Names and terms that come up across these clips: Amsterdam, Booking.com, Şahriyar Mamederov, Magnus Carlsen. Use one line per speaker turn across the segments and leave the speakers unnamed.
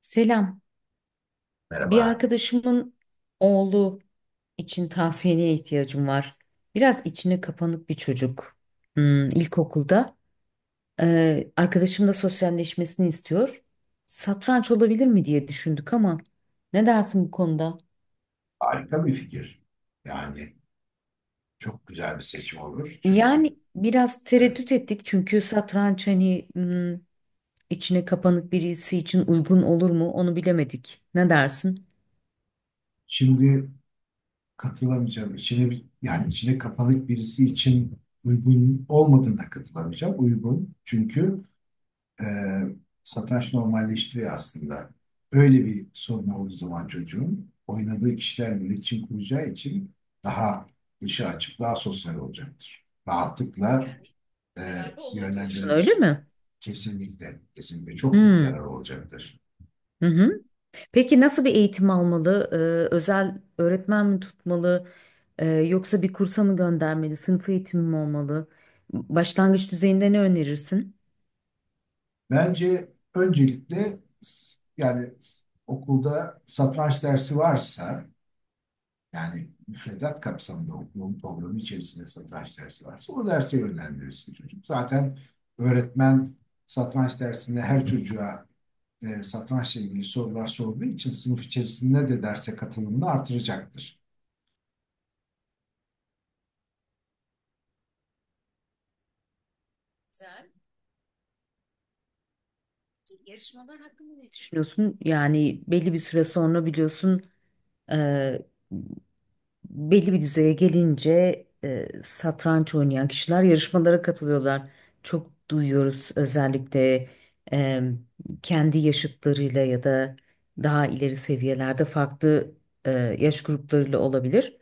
Selam. Bir
Merhaba.
arkadaşımın oğlu için tavsiyene ihtiyacım var. Biraz içine kapanık bir çocuk. Hmm, ilkokulda. Arkadaşım da sosyalleşmesini istiyor. Satranç olabilir mi diye düşündük ama ne dersin bu konuda?
Harika bir fikir. Yani çok güzel bir seçim olur. Çünkü
Yani biraz
evet,
tereddüt ettik çünkü satranç hani içine kapanık birisi için uygun olur mu onu bilemedik. Ne dersin?
şimdi katılamayacağım. Yani içine kapalı birisi için uygun olmadığına katılamayacağım. Uygun. Çünkü e, satranç normalleştiriyor aslında. Öyle bir sorunu olduğu zaman çocuğun oynadığı kişilerle iletişim kuracağı için daha dışa açık, daha sosyal olacaktır. Rahatlıkla
Yani
e,
yararlı olur diyorsun öyle
yönlendirebilirsiniz.
mi?
Kesinlikle, kesinlikle çok büyük yarar
Hmm.
olacaktır.
Hı hı. Peki nasıl bir eğitim almalı? Özel öğretmen mi tutmalı? Yoksa bir kursa mı göndermeli? Sınıf eğitimi mi olmalı? Başlangıç düzeyinde ne önerirsin?
Bence öncelikle yani okulda satranç dersi varsa. Yani müfredat kapsamında okulun programı içerisinde satranç dersi varsa o derse yönlendirirsin çocuk. Zaten öğretmen satranç dersinde her çocuğa satrançla ilgili sorular sorduğu için sınıf içerisinde de derse katılımını artıracaktır.
Güzel. Yarışmalar hakkında ne düşünüyorsun? Yani belli bir süre sonra biliyorsun e, belli bir düzeye gelince satranç oynayan kişiler yarışmalara katılıyorlar. Çok duyuyoruz özellikle e, kendi yaşıtlarıyla ya da daha ileri seviyelerde farklı e, yaş gruplarıyla olabilir.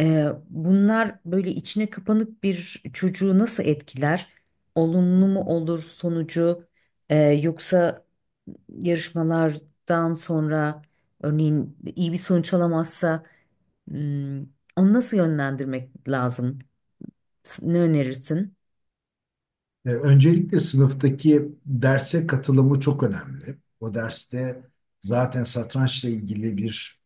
Bunlar böyle içine kapanık bir çocuğu nasıl etkiler? Olumlu mu olur sonucu? Yoksa yarışmalardan sonra örneğin iyi bir sonuç alamazsa Hmm, onu nasıl yönlendirmek lazım? Ne önerirsin?
Öncelikle sınıftaki derse katılımı çok önemli. O derste zaten satrançla ilgili bir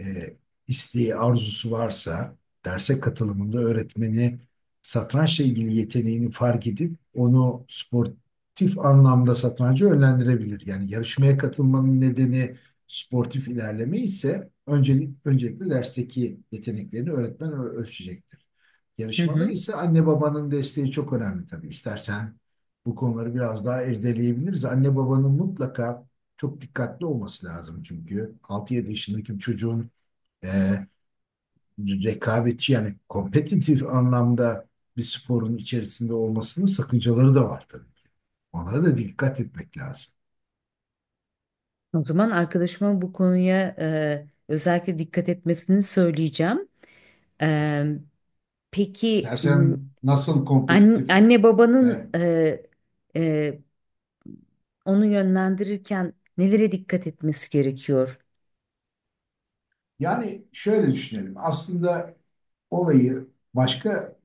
e, isteği, arzusu varsa derse katılımında öğretmeni satrançla ilgili yeteneğini fark edip onu sportif anlamda satranca yönlendirebilir. Yani yarışmaya katılmanın nedeni sportif ilerleme ise öncelikle dersteki yeteneklerini öğretmen ölçecektir.
Hı
Yarışmada
hı.
ise anne babanın desteği çok önemli tabii. İstersen bu konuları biraz daha irdeleyebiliriz. Anne babanın mutlaka çok dikkatli olması lazım çünkü 6-7 yaşındaki bir çocuğun e, rekabetçi yani kompetitif anlamda bir sporun içerisinde olmasının sakıncaları da var tabii. Onlara da dikkat etmek lazım.
O zaman arkadaşıma bu konuya özellikle dikkat etmesini söyleyeceğim. E, peki m,
İstersen nasıl kompetitif?
anne
e,
babanın e, onu yönlendirirken nelere dikkat etmesi gerekiyor?
Yani şöyle düşünelim. Aslında olayı başka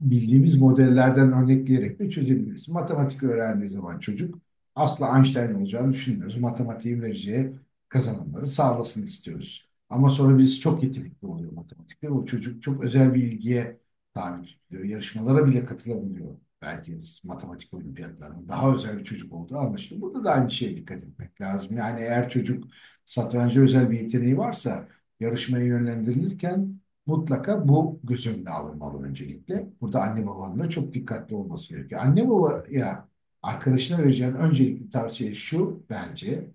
bildiğimiz modellerden örnekleyerek de çözebiliriz. Matematik öğrendiği zaman çocuk asla Einstein olacağını düşünmüyoruz. Matematiğin vereceği kazanımları sağlasın istiyoruz. Ama sonra biz çok yetenekli oluyor matematikte. O çocuk çok özel bir ilgiye tabi tutuluyor. Yarışmalara bile katılabiliyor. Belki matematik olimpiyatlarında daha özel bir çocuk olduğu anlaşılıyor. Burada da aynı şeye dikkat etmek lazım. Yani eğer çocuk satranca özel bir yeteneği varsa yarışmaya yönlendirilirken mutlaka bu göz önüne alınmalı öncelikle. Burada anne babanın da çok dikkatli olması gerekiyor. Anne babaya arkadaşına vereceğin öncelikli tavsiye şu bence.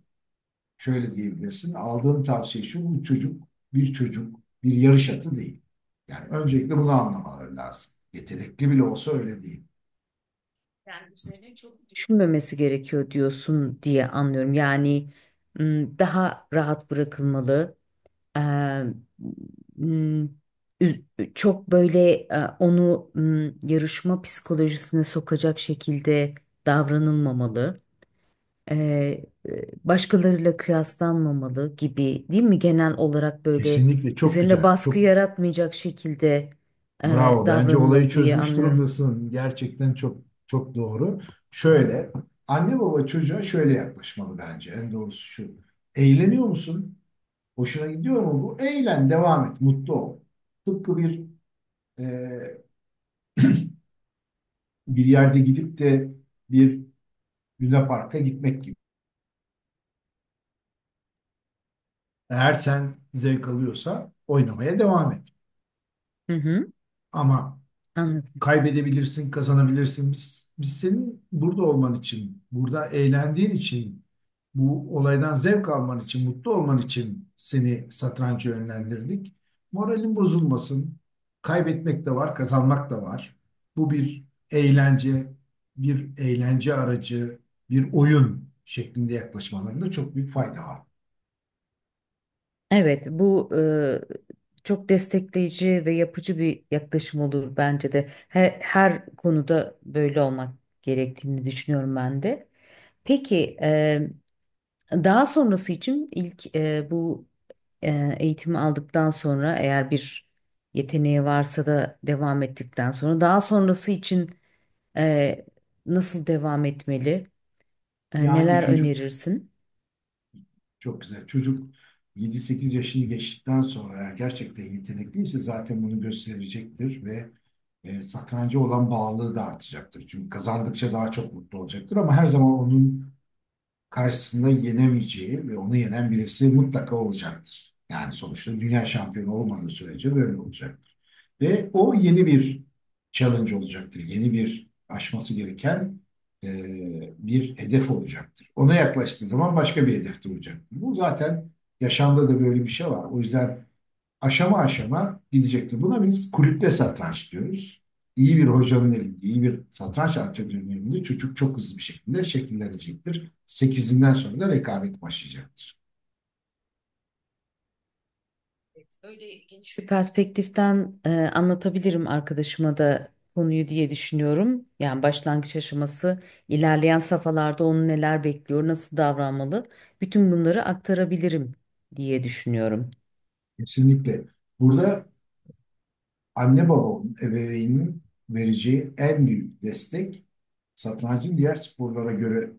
Şöyle diyebilirsin. Aldığım tavsiye şu. Bu çocuk bir çocuk, bir yarış atı değil. Yani öncelikle bunu anlamaları lazım. Yetenekli bile olsa öyle değil.
Yani üzerine çok düşünmemesi gerekiyor diyorsun diye anlıyorum. Yani daha rahat bırakılmalı. Eee, m, Çok böyle onu yarışma psikolojisine sokacak şekilde davranılmamalı. Başkalarıyla kıyaslanmamalı gibi değil mi? Genel olarak böyle
Kesinlikle çok
üzerine
güzel.
baskı yaratmayacak şekilde
Bravo. Bence olayı
davranılmalı diye
çözmüş
anlıyorum.
durumdasın. Gerçekten çok çok doğru. Şöyle, anne baba çocuğa şöyle yaklaşmalı bence. En doğrusu şu. Eğleniyor musun? Hoşuna gidiyor mu bu? Eğlen, devam et, mutlu ol. Tıpkı e, bir yerde gidip de bir lunaparka gitmek gibi. Eğer sen zevk alıyorsa oynamaya devam et.
Hı hı,
Ama
anladım.
kaybedebilirsin, kazanabilirsin. Biz senin burada olman için, burada eğlendiğin için, bu olaydan zevk alman için, mutlu olman için seni satranca yönlendirdik. Moralin bozulmasın. Kaybetmek de var, kazanmak da var. Bu bir eğlence, bir eğlence aracı, bir oyun şeklinde yaklaşmalarında çok büyük fayda var.
Evet, bu çok destekleyici ve yapıcı bir yaklaşım olur bence de. Her konuda böyle olmak gerektiğini düşünüyorum ben de. Peki, daha sonrası için ilk eğitimi aldıktan sonra eğer bir yeteneği varsa da devam ettikten sonra daha sonrası için e, nasıl devam etmeli?
Yani
Neler
çocuk
önerirsin?
Çok güzel. Çocuk 7-8 yaşını geçtikten sonra eğer gerçekten yetenekliyse zaten bunu gösterecektir ve satranca olan bağlılığı da artacaktır. Çünkü kazandıkça daha çok mutlu olacaktır ama her zaman onun karşısında yenemeyeceği ve onu yenen birisi mutlaka olacaktır. Yani sonuçta dünya şampiyonu olmadığı sürece böyle olacaktır. Ve o yeni bir challenge olacaktır. Yeni bir aşması gereken e, bir hedef olacaktır. Ona yaklaştığı zaman başka bir hedefte olacaktır. Bu zaten yaşamda da böyle bir şey var. O yüzden aşama aşama gidecektir. Buna biz kulüpte satranç diyoruz. İyi bir hocanın elinde, iyi bir satranç antrenörünün elinde çocuk çok hızlı bir şekilde şekillenecektir. 8'inden sonra da rekabet başlayacaktır.
Öyle geniş bir perspektiften anlatabilirim arkadaşıma da konuyu diye düşünüyorum. Yani başlangıç aşaması, ilerleyen safhalarda onu neler bekliyor, nasıl davranmalı, bütün bunları aktarabilirim diye düşünüyorum.
Kesinlikle. Burada anne babanın, ebeveynin vereceği en büyük destek satrancın diğer sporlara göre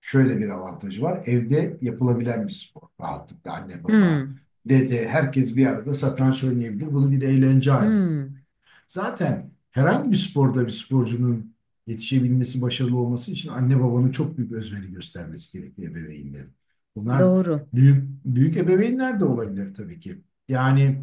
şöyle bir avantajı var. Evde yapılabilen bir spor. Rahatlıkla anne baba,
Hmm,
dede herkes bir arada satranç oynayabilir. Bunu bir eğlence haline...
hmm,
Zaten herhangi bir sporda bir sporcunun yetişebilmesi, başarılı olması için anne babanın çok büyük özveri göstermesi gerekiyor ebeveynlerin. Bunlar
doğru.
büyük büyük ebeveynler de olabilir tabii ki. Yani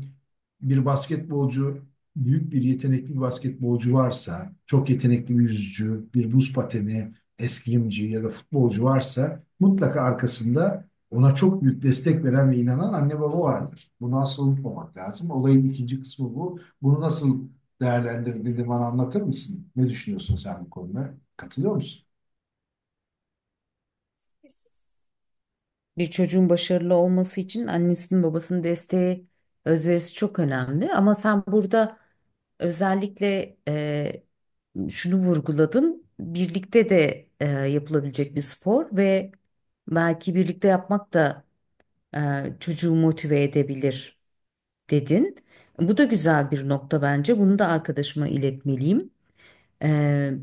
bir basketbolcu, büyük bir yetenekli bir basketbolcu varsa, çok yetenekli bir yüzücü, bir buz pateni, eskrimci ya da futbolcu varsa mutlaka arkasında ona çok büyük destek veren ve inanan anne baba vardır. Bunu asla unutmamak lazım. Olayın ikinci kısmı bu. Bunu nasıl değerlendirdiğini bana anlatır mısın? Ne düşünüyorsun sen bu konuda? Katılıyor musun?
Bir çocuğun başarılı olması için annesinin babasının desteği, özverisi çok önemli. Ama sen burada özellikle şunu vurguladın. Birlikte de yapılabilecek bir spor ve belki birlikte yapmak da e, çocuğu motive edebilir dedin. Bu da güzel bir nokta bence. Bunu da arkadaşıma iletmeliyim. Ee,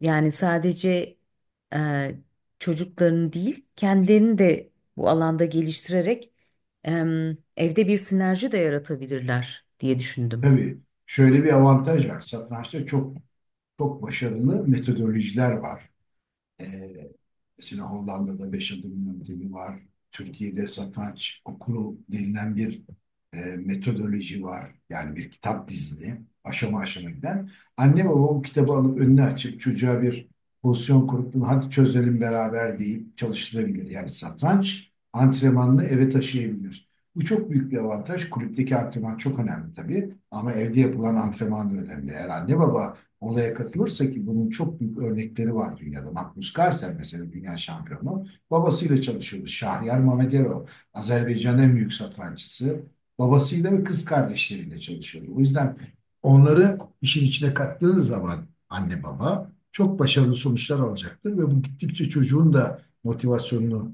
Yani sadece e, çocuklarını değil, kendilerini de bu alanda geliştirerek evde bir sinerji de yaratabilirler diye düşündüm.
Tabii şöyle bir avantaj var. Satrançta çok çok başarılı metodolojiler var. Ee, Mesela Hollanda'da 5 adım yöntemi var. Türkiye'de satranç okulu denilen bir metodoloji var. Yani bir kitap dizili aşama aşama giden. Anne baba bu kitabı alıp önüne açıp çocuğa bir pozisyon kurup bunu hadi çözelim beraber deyip çalıştırabilir. Yani satranç antrenmanını eve taşıyabilir. Bu çok büyük bir avantaj. Kulüpteki antrenman çok önemli tabii. Ama evde yapılan antrenman da önemli. Eğer anne baba olaya katılırsa ki bunun çok büyük örnekleri var dünyada. Magnus Carlsen mesela dünya şampiyonu. Babasıyla çalışıyordu. Şahriyar Mamederov. Azerbaycan'ın en büyük satranççısı. Babasıyla ve kız kardeşleriyle çalışıyordu. O yüzden onları işin içine kattığınız zaman anne baba çok başarılı sonuçlar alacaktır ve bu gittikçe çocuğun da motivasyonunu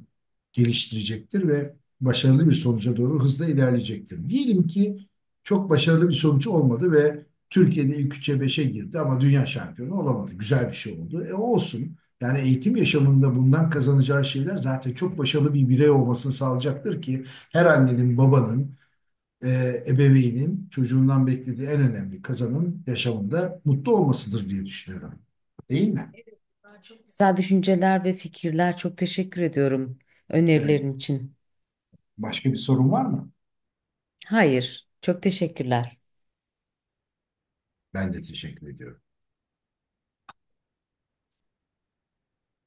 geliştirecektir ve başarılı bir sonuca doğru hızla ilerleyecektir. Diyelim ki çok başarılı bir sonuç olmadı ve Türkiye'de ilk 3'e beşe girdi ama dünya şampiyonu olamadı. Güzel bir şey oldu. E olsun. Yani eğitim yaşamında bundan kazanacağı şeyler zaten çok başarılı bir birey olmasını sağlayacaktır ki her annenin, babanın, e, ebeveynin çocuğundan beklediği en önemli kazanım yaşamında mutlu olmasıdır diye düşünüyorum. Değil mi?
Güzel düşünceler ve fikirler. Çok teşekkür ediyorum
Evet.
önerilerin için.
Başka bir sorun var mı?
Hayır, çok teşekkürler.
Ben de teşekkür ediyorum.